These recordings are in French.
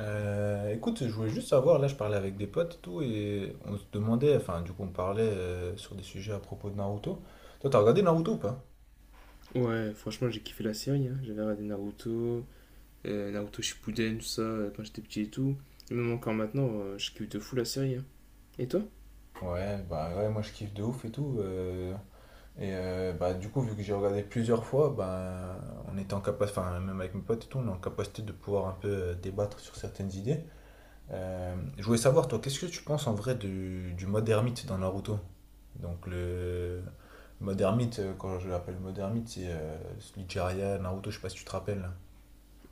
Écoute, je voulais juste savoir, là je parlais avec des potes et tout, et on se demandait, enfin on parlait sur des sujets à propos de Naruto. Toi t'as regardé Naruto ou pas? Ouais, franchement, j'ai kiffé la série, hein. J'avais regardé Naruto, Naruto Shippuden, tout ça, quand j'étais petit et tout. Et même encore maintenant, je kiffe de fou la série, hein. Et toi? Ouais, bah ouais, moi je kiffe de ouf et tout. Bah du coup vu que j'ai regardé plusieurs fois, bah on était en capacité, enfin même avec mes potes et tout, on est en capacité de pouvoir un peu débattre sur certaines idées. Je voulais savoir, toi, qu'est-ce que tu penses en vrai du mode ermite dans Naruto? Donc, le mode ermite, quand je l'appelle mode ermite, c'est celui Jiraiya, Naruto, je sais pas si tu te rappelles.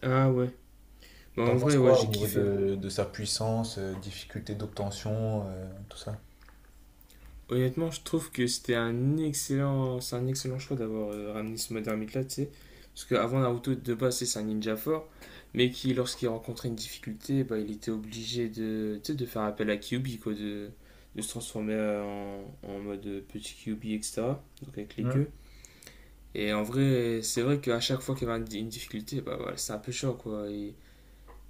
Ah ouais. Bah T'en en penses vrai, ouais, quoi au j'ai niveau kiffé, hein. de sa puissance, difficulté d'obtention, tout ça? Honnêtement, je trouve que c'est un excellent choix d'avoir ramené ce mode ermite-là, tu sais. Parce qu'avant Naruto, de base, c'est un ninja fort, mais qui, lorsqu'il rencontrait une difficulté, bah, il était obligé de, tu sais, de, faire appel à Kyuubi, quoi, de se transformer en mode petit Kyuubi, etc. Donc avec les queues. Hmm. Et en vrai, c'est vrai qu'à chaque fois qu'il y avait une difficulté, bah voilà, c'est un peu chiant quoi. Et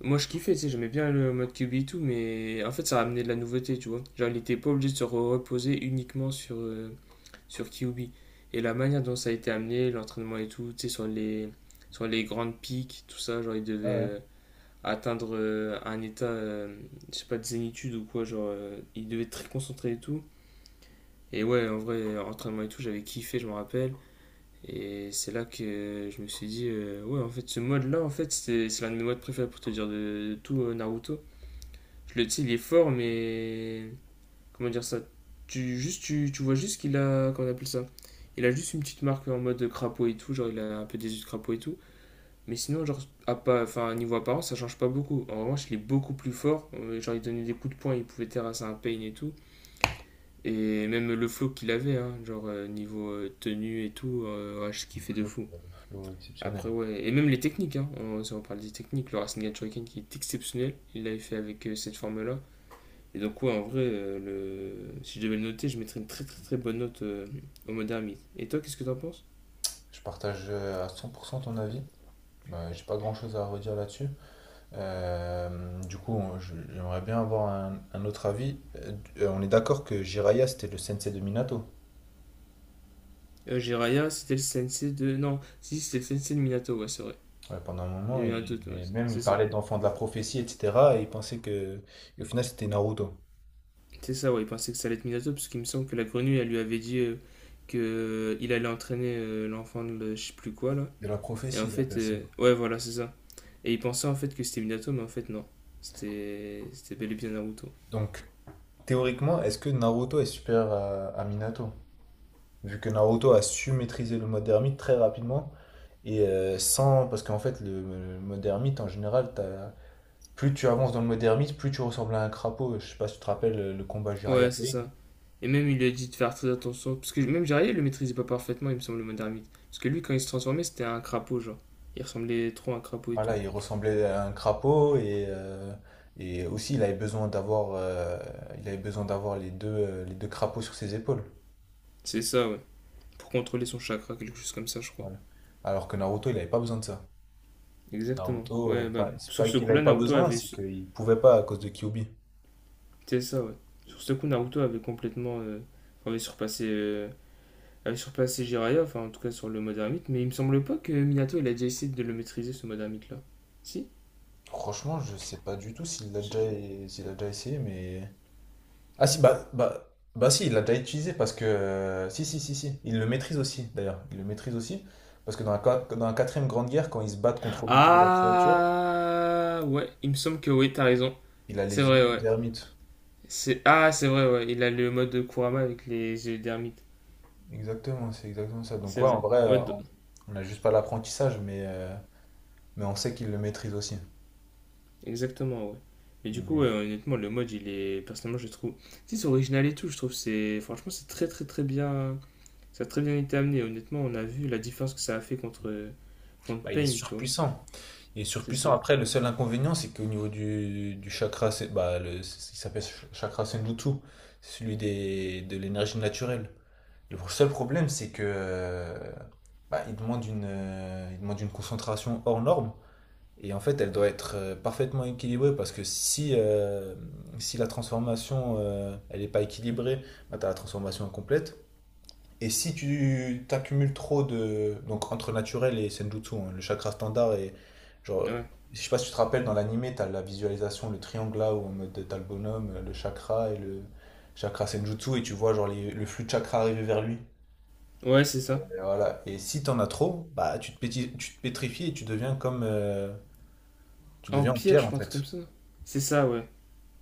moi je kiffais, tu sais, j'aimais bien le mode QB et tout, mais en fait ça ramenait de la nouveauté, tu vois. Genre, il était pas obligé de se reposer uniquement sur QB. Et la manière dont ça a été amené, l'entraînement et tout, tu sais, sur les grandes pics, tout ça, genre, il devait Ouais, ouais. Atteindre un état, je sais pas, de zénitude ou quoi, genre, il devait être très concentré et tout. Et ouais, en vrai, entraînement et tout, j'avais kiffé, je me rappelle. Et c'est là que je me suis dit, ouais, en fait, ce mode-là, en fait, c'est l'un de mes modes préférés pour te dire de tout Naruto. Tu sais, il est fort, mais comment dire ça? Tu vois juste qu'il a, comment on appelle ça? Il a juste une petite marque en mode crapaud et tout, genre il a un peu des yeux de crapaud et tout. Mais sinon, genre, à pas, enfin, niveau apparence, ça change pas beaucoup. En revanche, il est beaucoup plus fort. Genre, il donnait des coups de poing, il pouvait terrasser un pain et tout. Et même le flow qu'il avait, hein, genre, niveau tenue et tout, ouais, je kiffais de Flow, fou. euh, Flow exceptionnel. Après, ouais, et même les techniques, hein, on, si on parle des techniques, le Rasengan Shuriken qui est exceptionnel, il l'avait fait avec cette forme-là. Et donc, ouais, en vrai, si je devais le noter, je mettrais une très très très bonne note au Modern Myth. Et toi, qu'est-ce que t'en penses? Je partage à 100% ton avis. Bah, j'ai pas grand-chose à redire là-dessus. Du coup, j'aimerais bien avoir un autre avis. On est d'accord que Jiraiya, c'était le sensei de Minato, Jiraiya, c'était le sensei de. Non, si, c'était le sensei de Minato, ouais, c'est vrai. ouais, pendant un moment, J'ai eu un doute, ouais, et même il c'est ça. parlait d'enfant de la prophétie, etc. Et il pensait que, et au final, c'était Naruto. C'est ça, ouais, il pensait que ça allait être Minato, parce qu'il me semble que la grenouille, elle lui avait dit que qu'il allait entraîner l'enfant de je sais plus quoi, là. De la Et prophétie, en ils fait, appellent ça. Ouais, voilà, c'est ça. Et il pensait en fait que c'était Minato, mais en fait, non. C'était bel et bien Naruto. Donc, théoriquement, est-ce que Naruto est supérieur à Minato? Vu que Naruto a su maîtriser le mode ermite très rapidement, et sans. Parce qu'en fait, le mode ermite, en général, t'as. Plus tu avances dans le moderniste, plus tu ressembles à un crapaud. Je sais pas si tu te rappelles le combat jiraiya Ouais, c'est Pain. ça. Et même, il lui a dit de faire très attention. Parce que même Jiraiya il le maîtrisait pas parfaitement, il me semble, le mode ermite. Parce que lui, quand il se transformait, c'était un crapaud, genre. Il ressemblait trop à un crapaud et Voilà, tout. il ressemblait à un crapaud et aussi il avait besoin d'avoir il avait besoin d'avoir les deux crapauds sur ses épaules. C'est ça, ouais. Pour contrôler son chakra, quelque chose comme ça, je crois. Voilà. Alors que Naruto, il avait pas besoin de ça. Exactement. Naruto, Ouais, bah, enfin, c'est sur pas ce qu'il avait coup-là, pas Naruto besoin, avait. c'est qu'il pouvait pas à cause de Kyuubi. C'est ça, ouais. Sur ce coup, Naruto avait complètement. Avait surpassé à surpasser Jiraiya, enfin en tout cas sur le mode ermite, mais il me semble pas que Minato il a déjà essayé de le maîtriser ce mode ermite là. Si. Franchement, je sais pas du tout s'il l'a Je- déjà, s'il a déjà essayé, mais ah si, si, il l'a déjà utilisé parce que... si, si, si, si. Il le maîtrise aussi, d'ailleurs. Il le maîtrise aussi. Parce que dans la, dans la quatrième grande guerre, quand ils se battent contre Obito et la créature, Ah ouais, il me semble que oui, t'as raison. il a C'est les vrai, yeux de. ouais. C'est Ah, c'est vrai, ouais, il a le mode de Kurama avec les yeux d'ermite. Exactement, c'est exactement ça. Donc C'est ouais, en vrai. vrai, euh, Ouais, on on n'a juste pas l'apprentissage, mais on sait qu'il le maîtrise aussi. exactement, ouais. Mais du coup, ouais, Mais honnêtement, le mode, il est. Personnellement, je trouve. Tu sais, c'est original et tout, je trouve. C'est. Franchement, c'est très, très, très bien. Ça a très bien été amené. Honnêtement, on a vu la différence que ça a fait contre. Contre bah, il est Pain, tu vois. surpuissant. Il est C'est surpuissant. ça. Après, le seul inconvénient, c'est qu'au niveau du chakra, bah, le, il s'appelle chakra Senjutsu, celui des, de l'énergie naturelle. Le seul problème, c'est que bah, il demande il demande une concentration hors norme. Et en fait, elle doit être parfaitement équilibrée parce que si, si la transformation elle n'est pas équilibrée, bah, tu as la transformation incomplète. Et si tu t'accumules trop de. Donc entre naturel et senjutsu, hein, le chakra standard et. Genre, Ouais. je sais pas si tu te rappelles, dans l'animé, tu as la visualisation, le triangle là, où en mode t'as le bonhomme, le chakra et le chakra senjutsu, et tu vois genre le flux de chakra arriver vers lui. Ouais, c'est ça. Et voilà. Et si t'en as trop, bah tu tu te pétrifies et tu deviens comme tu deviens en Empire, pierre je en crois, un truc comme fait. ça. C'est ça, ouais,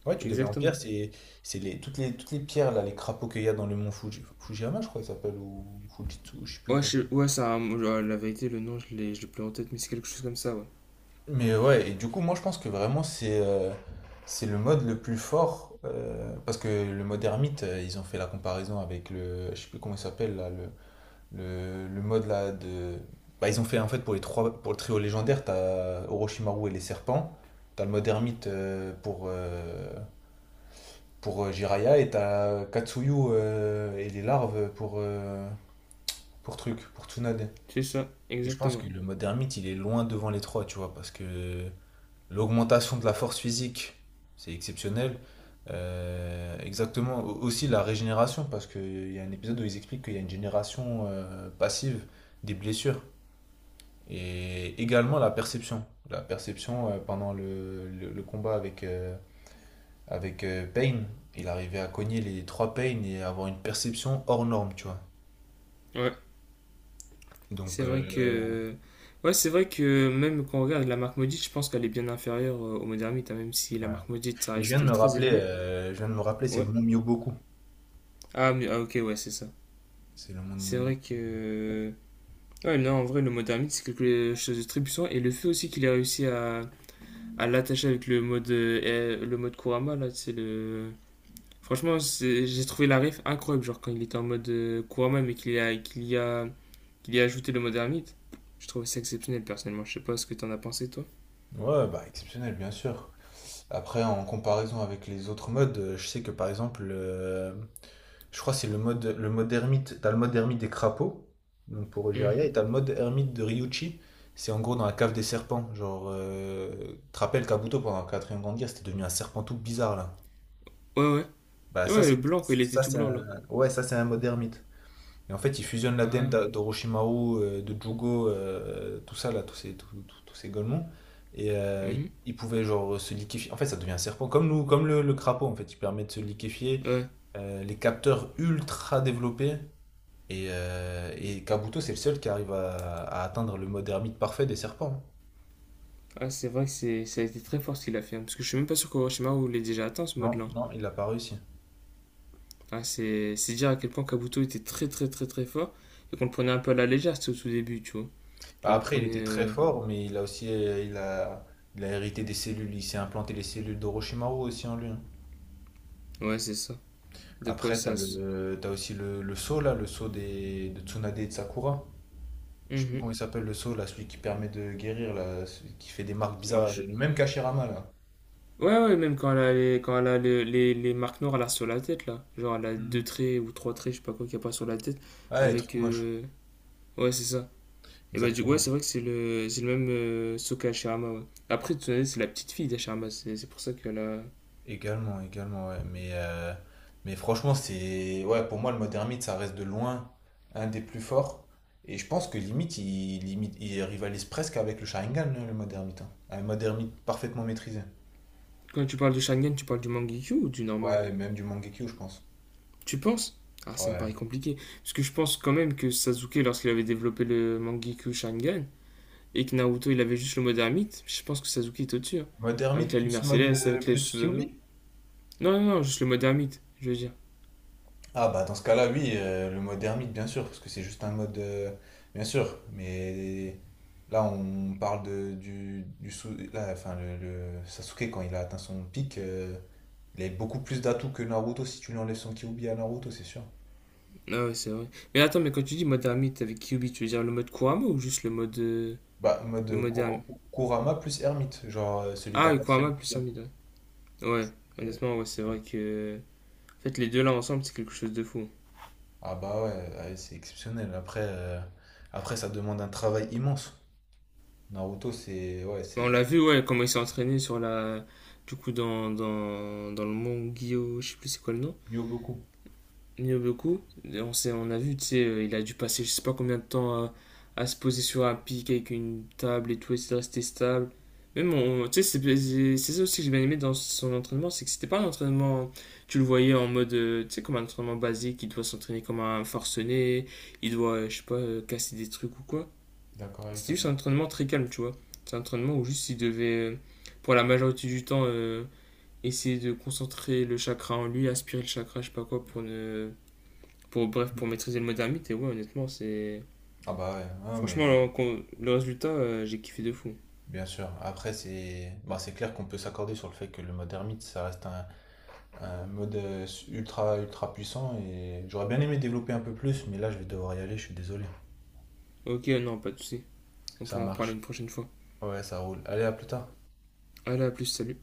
Ouais, tu deviens en exactement. pierre, c'est les toutes les pierres là, les crapauds qu'il y a dans le mont Fuji, Fujiyama, je crois qu'il s'appelle ou Fujitsu, je sais plus Ouais, comment. Ouais, ça, a la vérité, le nom, je l'ai plus en tête, mais c'est quelque chose comme ça, ouais. Mais ouais, et du coup, moi je pense que vraiment c'est le mode le plus fort parce que le mode ermite, ils ont fait la comparaison avec le je sais plus comment il s'appelle là, le mode là de. Bah, ils ont fait en fait pour les trois pour le trio légendaire, t'as Orochimaru et les serpents, t'as le mode ermite pour Jiraiya et t'as Katsuyu et les larves pour Tsunade. C'est ça, Et je pense exactement. que le mode ermite il est loin devant les trois, tu vois, parce que l'augmentation de la force physique, c'est exceptionnel. Exactement, aussi la régénération, parce qu'il y a un épisode où ils expliquent qu'il y a une génération passive des blessures. Et également la perception. La perception pendant le combat avec, Payne. Il arrivait à cogner les trois Payne et avoir une perception hors norme, tu vois. Ouais, c'est Donc, vrai que. Ouais, c'est vrai que même quand on regarde la marque maudite, je pense qu'elle est bien inférieure au Modernite, hein, même si la ouais. marque maudite, ça Et je viens de reste me très rappeler, élevé. C'est le Ouais. monde Myoboku. Ah, ah, ok, ouais, c'est ça. C'est le monde C'est Myoboku. vrai que. Ouais, non, en vrai, le Modernite, c'est quelque chose de très puissant, et le fait aussi qu'il ait réussi à l'attacher avec le mode Kurama, là, c'est le. Franchement, j'ai trouvé la ref incroyable, genre quand il était en mode Kurama, mais qu'il y a, qu'il y a, qu'il y a ajouté le mode ermite. Je trouve ça exceptionnel, personnellement. Je sais pas ce que t'en as pensé, toi. Ouais, bah exceptionnel, bien sûr. Après, en comparaison avec les autres modes, je sais que par exemple, je crois que c'est le mode ermite. T'as le mode ermite des crapauds, donc pour Ogeria, Mhm. et t'as le mode ermite de Ryuchi. C'est en gros dans la cave des serpents. Genre, tu te rappelles Kabuto pendant la quatrième grande guerre, c'était devenu un serpent tout bizarre là. Ouais, ouais. Bah Ouais, le blanc, quoi, il était ça tout c'est blanc, là. un ouais ça c'est un mode ermite. Et en fait ils fusionnent la l'ADN Ah, d'Orochimaru, de Jugo, tout ça là, tous ces golemons. Et mhm. ils pouvaient genre se liquéfier. En fait ça devient un serpent comme nous, comme le crapaud en fait. Il permet de se liquéfier. Ouais. Les capteurs ultra développés. Et Kabuto, c'est le seul qui arrive à atteindre le mode ermite parfait des serpents. Hein. Ah, c'est vrai que c'est, ça a été très fort ce qu'il a fait, hein, parce que je suis même pas sûr qu'Orochimaru l'ait déjà atteint, ce Non, mode-là. non, il l'a pas réussi. Ah, c'est dire à quel point Kabuto était très, très, très, très fort, et qu'on le prenait un peu à la légère, c'était au tout début, tu vois. Bah, Genre, on le après, il prenait... était très euh, fort, mais il a aussi, il a hérité des cellules, il s'est implanté les cellules d'Orochimaru aussi en lui. Hein. Ouais, c'est ça. De quoi Après, ça. T'as aussi le sceau là, le sceau des, de Tsunade et de Sakura. Je sais plus Mhm. comment il s'appelle le sceau là, celui qui permet de guérir là, celui qui fait des marques Ouais, bizarres, je, le même qu'Hashirama là. Ouais, ouais, même quand elle a quand elle a les marques noires là sur la tête, là. Genre, elle a Hmm. deux traits ou trois traits, je sais pas quoi, qu'il n'y a pas sur la tête. Ouais, les Avec. trucs moches, Ouais, c'est ça. Et bah, ouais, exactement. c'est vrai que c'est le même Sokka Hashirama, ouais. Après, tu sais, c'est la petite fille d'Hashirama, c'est pour ça qu'elle a. Également, également, ouais. Mais franchement, c'est. Ouais, pour moi, le mode ermite, ça reste de loin un des plus forts. Et je pense que limite, il rivalise presque avec le Sharingan, hein, le mode ermite. Hein. Un mode ermite parfaitement maîtrisé. Quand tu parles de Sharingan, tu parles du Mangekyo ou du normal? Ouais, et même du Mangekyo, je pense. Tu penses? Ah, ça me paraît Ouais. compliqué. Parce que je pense quand même que Sasuke, lorsqu'il avait développé le Mangekyo Sharingan, et que Naruto, il avait juste le mode ermite, je pense que Sasuke est au-dessus, hein. Mode Avec ermite la lumière céleste, avec les plus Susanoo. Kyuubi? Non, non, non, juste le mode ermite, je veux dire. Ah bah dans ce cas-là, oui, le mode ermite, bien sûr, parce que c'est juste un mode, bien sûr, mais là on parle de, du là, enfin, le Sasuke, quand il a atteint son pic, il a beaucoup plus d'atouts que Naruto si tu lui enlèves son Kyuubi à Naruto, c'est sûr. Ah ouais, c'est vrai. Mais attends, mais quand tu dis mode ermite avec Kyubi, tu veux dire le mode Kurama ou juste le mode. euh, Bah, le mode ermite. Kurama plus ermite, genre celui de la Ah, le Kurama quatrième plus mondiale. ermite, ouais. Ouais, Euh, honnêtement, ouais, c'est vrai que. En fait, les deux là ensemble, c'est quelque chose de fou. ah bah ouais, ouais, c'est exceptionnel. Après, ça demande un travail immense. Naruto, c'est ouais, Mais on c'est l'a vu, ouais, comment il s'est entraîné sur la. Du coup, dans le Mont Guillaume, je sais plus c'est quoi le nom. il y a beaucoup. Nyoboku, on sait, on a vu, tu sais, il a dû passer je sais pas combien de temps à se poser sur un pic avec une table et tout, et de resté stable. Même, tu sais, c'est ça aussi que j'ai bien aimé dans son entraînement, c'est que c'était pas un entraînement, tu le voyais en mode, tu sais, comme un entraînement basique, il doit s'entraîner comme un forcené, il doit, je sais pas, casser des trucs ou quoi. D'accord avec toi. C'était juste un entraînement très calme, tu vois. C'est un entraînement où juste il devait, pour la majorité du temps, essayer de concentrer le chakra en lui, aspirer le chakra, je sais pas quoi, pour ne pour, bref, pour maîtriser le modernite. Et ouais, honnêtement, c'est. Ah bah ouais, ouais, mais Franchement, le résultat, j'ai kiffé de fou. bien sûr. Après, c'est bah, c'est clair qu'on peut s'accorder sur le fait que le mode ermite, ça reste un mode ultra puissant et j'aurais bien aimé développer un peu plus, mais là, je vais devoir y aller, je suis désolé. Ok, non, pas de soucis. On Ça pourra en reparler marche. une prochaine fois. Ouais, ça roule. Allez, à plus tard. Allez, à plus, salut.